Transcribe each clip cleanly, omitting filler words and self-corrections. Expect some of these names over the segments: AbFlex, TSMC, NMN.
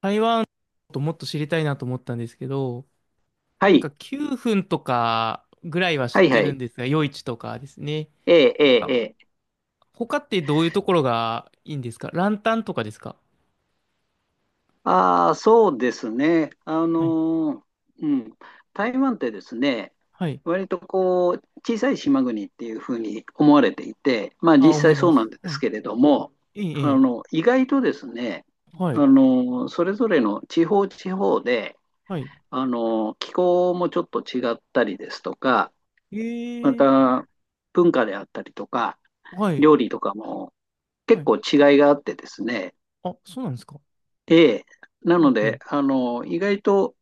台湾ともっと知りたいなと思ったんですけど、はなんい、か9分とかぐらいは知はっい、はてるい。んですが、夜市とかですね。ええ、えなんえ、かええ。他ってどういうところがいいんですか、ランタンとかですか？ああ、そうですね。はい。ーうん。台湾ってですね、はい。割とこう、小さい島国っていうふうに思われていて、まああ、実思際いまそうなんす。ではすい。けれども、ええ、ええ。意外とですね、はい。それぞれの地方地方で、はい。気候もちょっと違ったりですとか、えまえ、た文化であったりとか、はい。料理とかもは結い。構違いがあってですね。あ、そうなんですか？ええ。なうのんうで、ん。意外と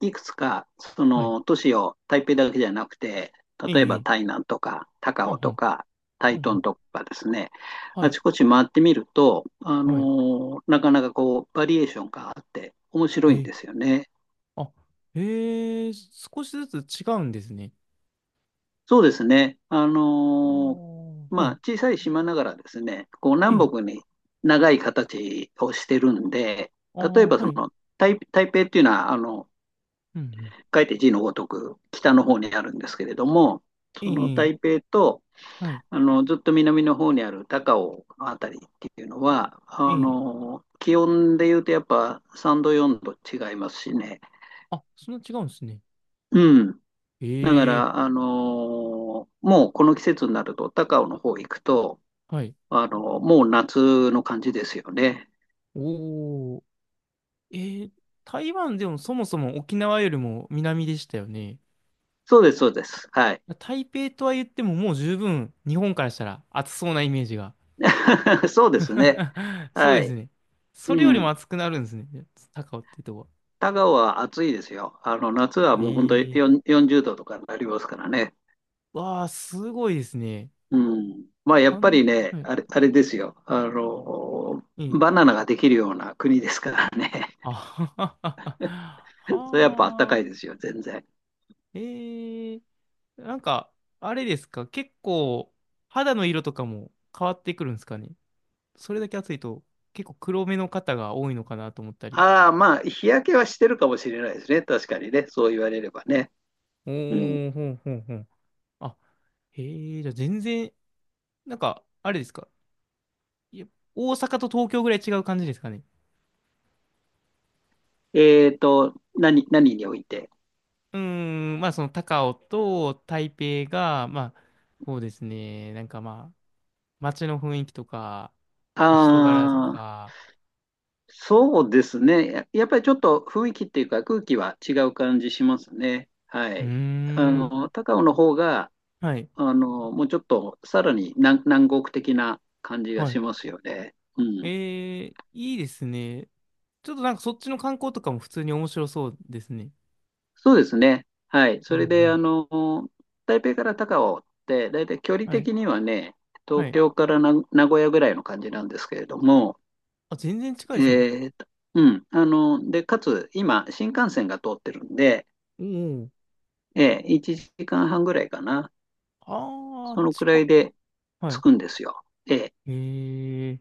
いくつか、そはい。の都市を台北だけじゃなくて、ええ、例ええば台え。南とか高はん雄はとん。かう台んう東ん。とかですね、はあい。ちこち回ってみると、はい。なかなかこう、バリエーションがあって面白いえんえ。ですよね。あ、ええ、少しずつ違うんですね。そうですね。あー、はまい。あ、小さい島ながらですね、こう、え南え。北に長い形をしてるんで、あ例えあ、ばそはい。の、台北っていうのは、うんうん。書いて字のごとく北の方にあるんですけれども、えそのえ、台北とはい。あのずっと南の方にある高尾のあたりっていうのは、えあえ。の気温でいうとやっぱ3度、4度違いますしね。あ、そんな違うんですね。うん、だかええ、ら、あのもうこの季節になると、高尾の方行くと、はい。あのもう夏の感じですよね。おー。ええ、台湾でもそもそも沖縄よりも南でしたよね。そうです、そうです。はい。台北とは言ってももう十分日本からしたら暑そうなイメージが。そうですね。そうはですい。ね。それうよりもん。暑くなるんですね。高尾っていうとこは。田川は暑いですよ。夏はえもう本当にえ。4 40度とかになりますからね。わあ、すごいですね。うん。まあ、やかっぱん、りね、はい。あれですよ。えバえ。ナナができるような国ですからね。あははは そは。れやっぱ暖かいはあ。ですよ、全然。ええ。なんか、あれですか、結構、肌の色とかも変わってくるんですかね。それだけ暑いと、結構黒目の方が多いのかなと思ったり。ああ、まあ、日焼けはしてるかもしれないですね。確かにね。そう言われればね。おうん。ー、ほんほんほん。あ、へえ、じゃあ全然、なんか、あれですか。いや、大阪と東京ぐらい違う感じですかね。えっと、何において。うーん、まあその高雄と台北が、まあ、そうですね、なんかまあ、街の雰囲気とか、あ人柄とあ、か、そうですね。やっぱりちょっと雰囲気っていうか空気は違う感じしますね。はうーい。あん、の、高尾の方が、はい、もうちょっとさらに南国的な感じがはしい。ますよね。うえん。ー、いいですね。ちょっとなんかそっちの観光とかも普通に面白そうですね。そうですね。はい。うそんうれで、ん。台北から高尾って、だいたい距離はい。的にはね、は東い。京からな名古屋ぐらいの感じなんですけれども、あ、全然近いえですね。ーと、うん。で、かつ、今、新幹線が通ってるんで、おお。1時間半ぐらいかな。あそあ、のく近らっ。いではつい。くんですよ。ええ。へえ。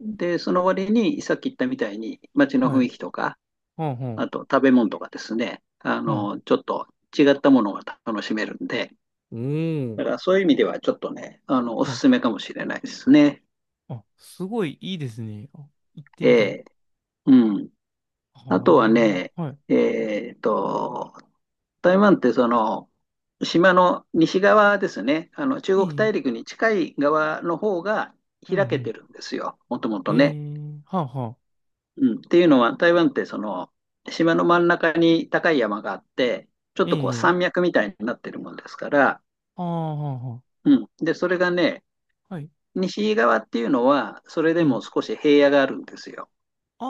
で、その割に、さっき言ったみたいに、街のは雰い。囲気とか、はんはあん。と食べ物とかですね、はい。ちょっと違ったものが楽しめるんで、おお。だからそういう意味ではちょっとね、おはすい。すめかもしれないですね。あ、すごいいいですね。あ、行ってえみたい。え、うん。あとははね、あ。はい。えっと、台湾ってその、島の西側ですね、中い国い、大陸に近い側の方がうんう開けん。てるんですよ、もともへとね。え。はあはあ。うん、っていうのは、台湾ってその、島の真ん中に高い山があって、ちょっえとこうえ。山脈みたいになってるもんですから。ああ、はあはうん。で、それがね、あ。はい。西側っていうのは、それでいもい、少し平野があるんですよ。あ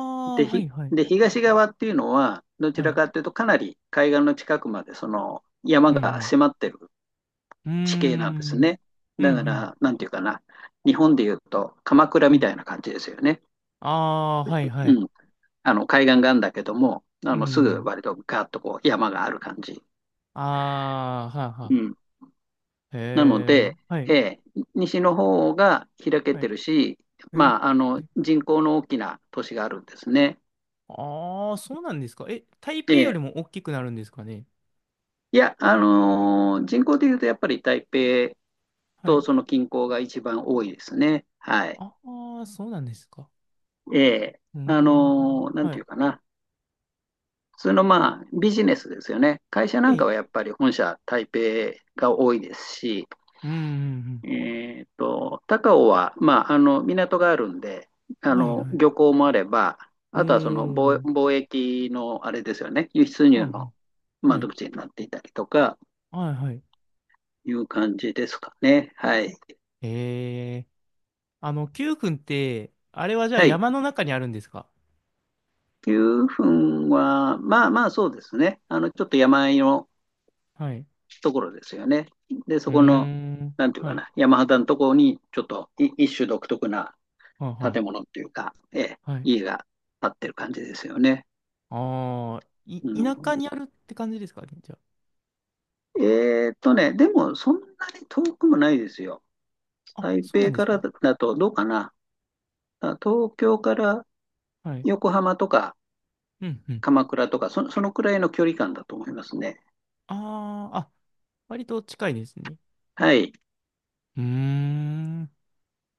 あ、で、はいはい。東側っていうのは、どちはらい。かというと、かなり海岸の近くまで、その山うがん迫ってるうん。うー地形なんですん。ね。うんうだかん。ら、なんていうかな、日本でいうと、鎌倉はみい。たいな感じですよね。ああー、はいはうい。ん。あの、海岸があるんだけども、うすぐん。割とガーッとこう山がある感じ。ああ、はあはうあ。ん。なのへで、え、はい、えー西の方が開けはてい。るし、まあ、人口の大きな都市があるんですね。ああ、そうなんですか。え、台え北よりえ。も大きくなるんですかね？いや、人口でいうとやっぱり台北はとい。その近郊が一番多いですね。はい。ああ、そうなんですか。ええ。うーん、なんはていい。うかな。普通のまあビジネスですよね。会社なんかえ、はやっぱり本社台北が多いですし、うん、うん、えーっと、高尾は、まあ、港があるんで、うん。はい、はい。漁港もあれば、うーん、あとはそのうん貿易の、あれですよね、輸出う入のん、は窓い、口になっていたりとか、はい、はい。いう感じですかね。はい。へえ、あの、九君って、あれはじゃあはい。山の中にあるんですか？9分は、まあまあそうですね。ちょっと山あいのはい。ところですよね。で、うそーこの、ん、なんていうはかい、な、山肌のところに、ちょっと一種独特なはあは建物っていうか、ええ、あ。はい、家が建ってる感じですよね。ああ、い、うん。田舎にあるって感じですかじゃね、でもそんなに遠くもないですよ。あ。あ、台そうな北んでかすらか。だとどうかな。あ東京からはい。横浜とかうんうん。鎌倉とか、そのくらいの距離感だと思いますね。ああ、あ、割と近いですね。はい。うーん。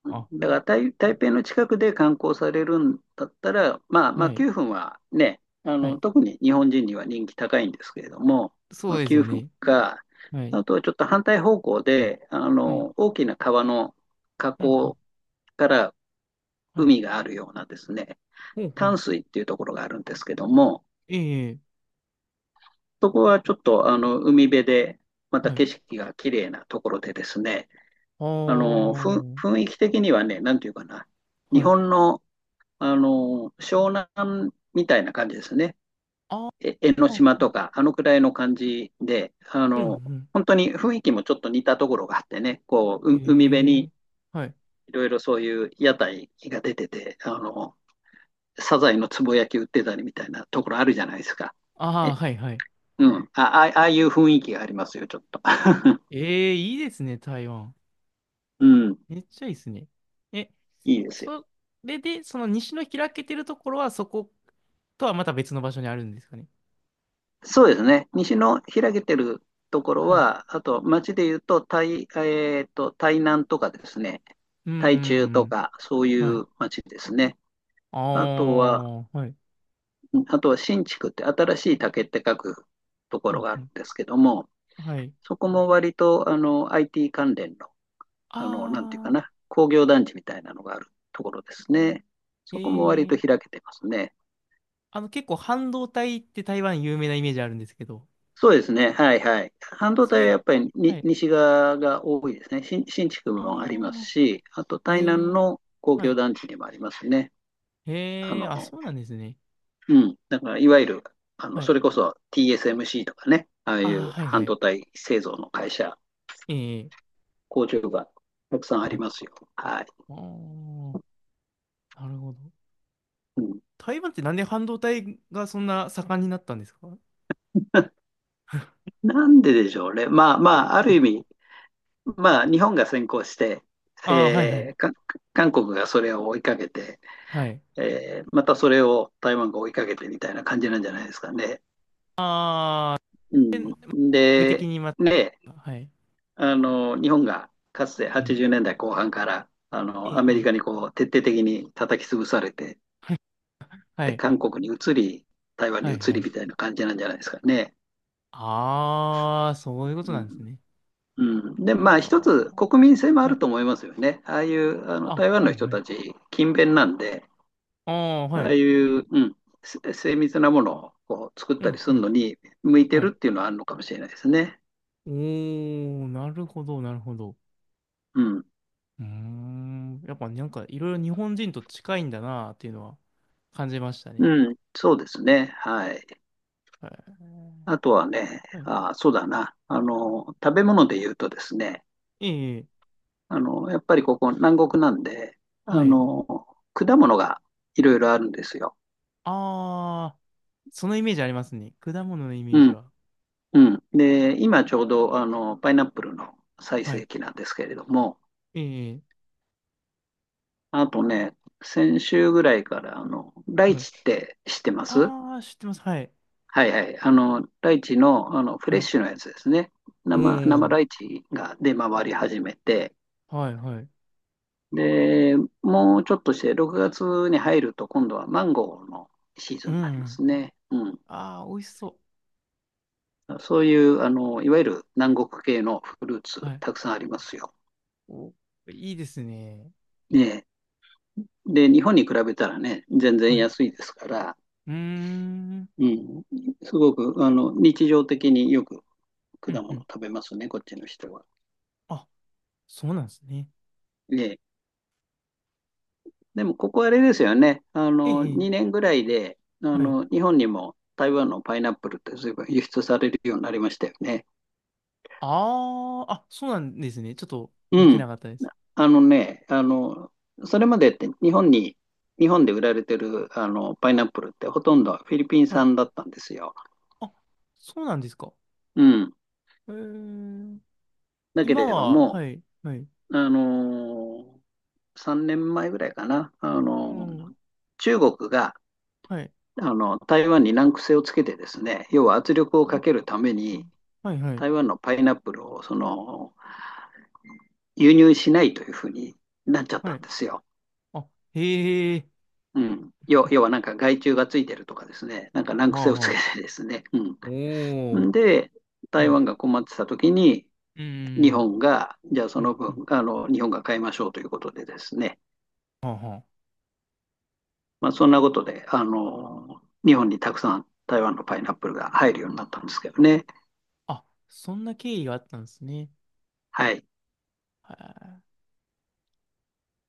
あ、だから台北の近くで観光されるんだったら、まはあい。9分はね、はい。特に日本人には人気高いんですけれども、そまうあ、です9よ分ね。か、はい。あとはちょっと反対方向で、はい。大きな川の河うんうん。口からはい。海があるようなですね、ほうほう。淡水っていうところがあるんですけども、ええ、そこはちょっとあの海辺で、またはい。景色が綺麗なところでですね、ああの雰あ、囲気的にはね、なんていうかな、日はい。本の、あの湘南みたいな感じですね、あえ江ノあ、島ああ、とか、あのくらいの感じで、うんうん。本当に雰囲気もちょっと似たところがあってね、こう海辺ええ、にはい。いろいろそういう屋台が出てて、サザエのつぼ焼き売ってたりみたいなところあるじゃないですか。ああ、えはいはい。うん。あ、あああいう雰囲気がありますよ、ちょっと。ええ、いいですね、台湾。うん。めっちゃいいですね。え、いいですよ。それで、その西の開けてるところは、そことはまた別の場所にあるんですかね？そうですね。西の開けてるところはい。は、あと町で言うと、えーと、台南とかですね、うー台中とん。か、そういはい。う町ですね。ああとは、あ、はい。うんあとは新築って新しい竹って書くとうころんがあうるんん。ですけども、はい。そこも割とあの IT 関連の、なんていうかああ、な、工業団地みたいなのがあるところですね。そこも割とえー。開けてますね。あの、結構半導体って台湾有名なイメージあるんですけど、そうですね。はいはい。半導そ体はれ、やっぱりはにい。西側が多いですね。新築あもありますあ、し、あとえ台南ー。の工は業い。団地にもありますね。あええ、の、あ、そうなんですね。うん。だからいわゆる、はい。それこそ TSMC とかね、あああいうあ、はい半はい。導体製造の会社、ええ、工場がたくさんあはりい。ますよ。はい。ああ、なるほど。うん、台湾ってなんで半導体がそんな盛んになったんですか？ なんででしょうね。まあまあ、あはる意い、味、まあ日本が先行して、ああ、はいはえい。ーか韓国がそれを追いかけて、はい。えーまたそれを台湾が追いかけてみたいな感じなんじゃないですかね。ああ、うん、目的で、にまた、ね、はい。日本がかつてうん。80年代後半から、いい、アい メリい。カにこう、徹底的に叩き潰されて、はい。で、韓国に移り、台湾にはい移はりい。みたいな感じなんじゃないですかね。ああ、そういうことなんですね。うんうん、で、あまあ、一つ国民性もああ、はるい。と思いますよね。ああいうあのあ、台湾はのい人はい。たち、勤勉なんで、ああ、はああい。いう、うん、精密なものをこう作っうたりん、すうるん。のに向いてはるい。っていうのはあるのかもしれないですね。おー、なるほど、なるほど。うん。うーん。やっぱなんかいろいろ日本人と近いんだなっていうのは感じましたね。うん、そうですね。はい。はあい。とはね、はい。あ、そうだな。食べ物で言うとですね、ええ、やっぱりここ南国なんで、はあい。の、果物がいろいろあるんですよ。ああ、そのイメージありますね。果物のイメーうジん、は。うん。で、今ちょうど、パイナップルの最はい。盛期なんですけれども、ええ、あとね、先週ぐらいから、ライはい。チって知ってます？ああ、知ってます。はい。はいはい。ライチの、フレはッい。シュのやつですね。お生ー。ライチが出回り始めて、はい、はい。で、もうちょっとして6月に入ると今度はマンゴーのシーズうンになりまん。すね。うん。ああ、美味しそそういう、いわゆる南国系のフルーう。はツい。たくさんありますよ。お、いいですね。ねえ。で、日本に比べたらね、全然はい。う安いですから。ーん。うん。すごく、日常的によく果うん、物うん。食べますね、こっちの人は。あ、そうなんですね。ね。でも、ここあれですよね。ええ、2ええ、年ぐらいで、はい。日本にも台湾のパイナップルって随分輸出されるようになりましたよね。ああ、あ、そうなんですね。ちょっとう見てなん。かったです。あのね、それまでって日本に、日本で売られてるあのパイナップルってほとんどフィリピンはい。産だったんですよ。あ、そうなんですか。うん。ええ、だけ今れどは、も、はい、はい。あの3年前ぐらいかな、あうのん。中国がはい。あの台湾に難癖をつけてですね、要は圧力をかけるために、はいはい。台湾のパイナップルを輸入しないというふうになっちゃっはたんい。ですよ。あ、へえ。うん、要 はなんか害虫がついてるとかですね、なんか難は癖あをつけはあ。てですね。おうお。ん、で、台はい。湾が困ってた時に、う日ん。本が、じゃあそうのんうん。分、あの日本が買いましょうということでですね、はあはまあ、そんなことであの、日本にたくさん台湾のパイナップルが入るようになったんですけどね。あ。あ、そんな経緯があったんですね。はい。はい。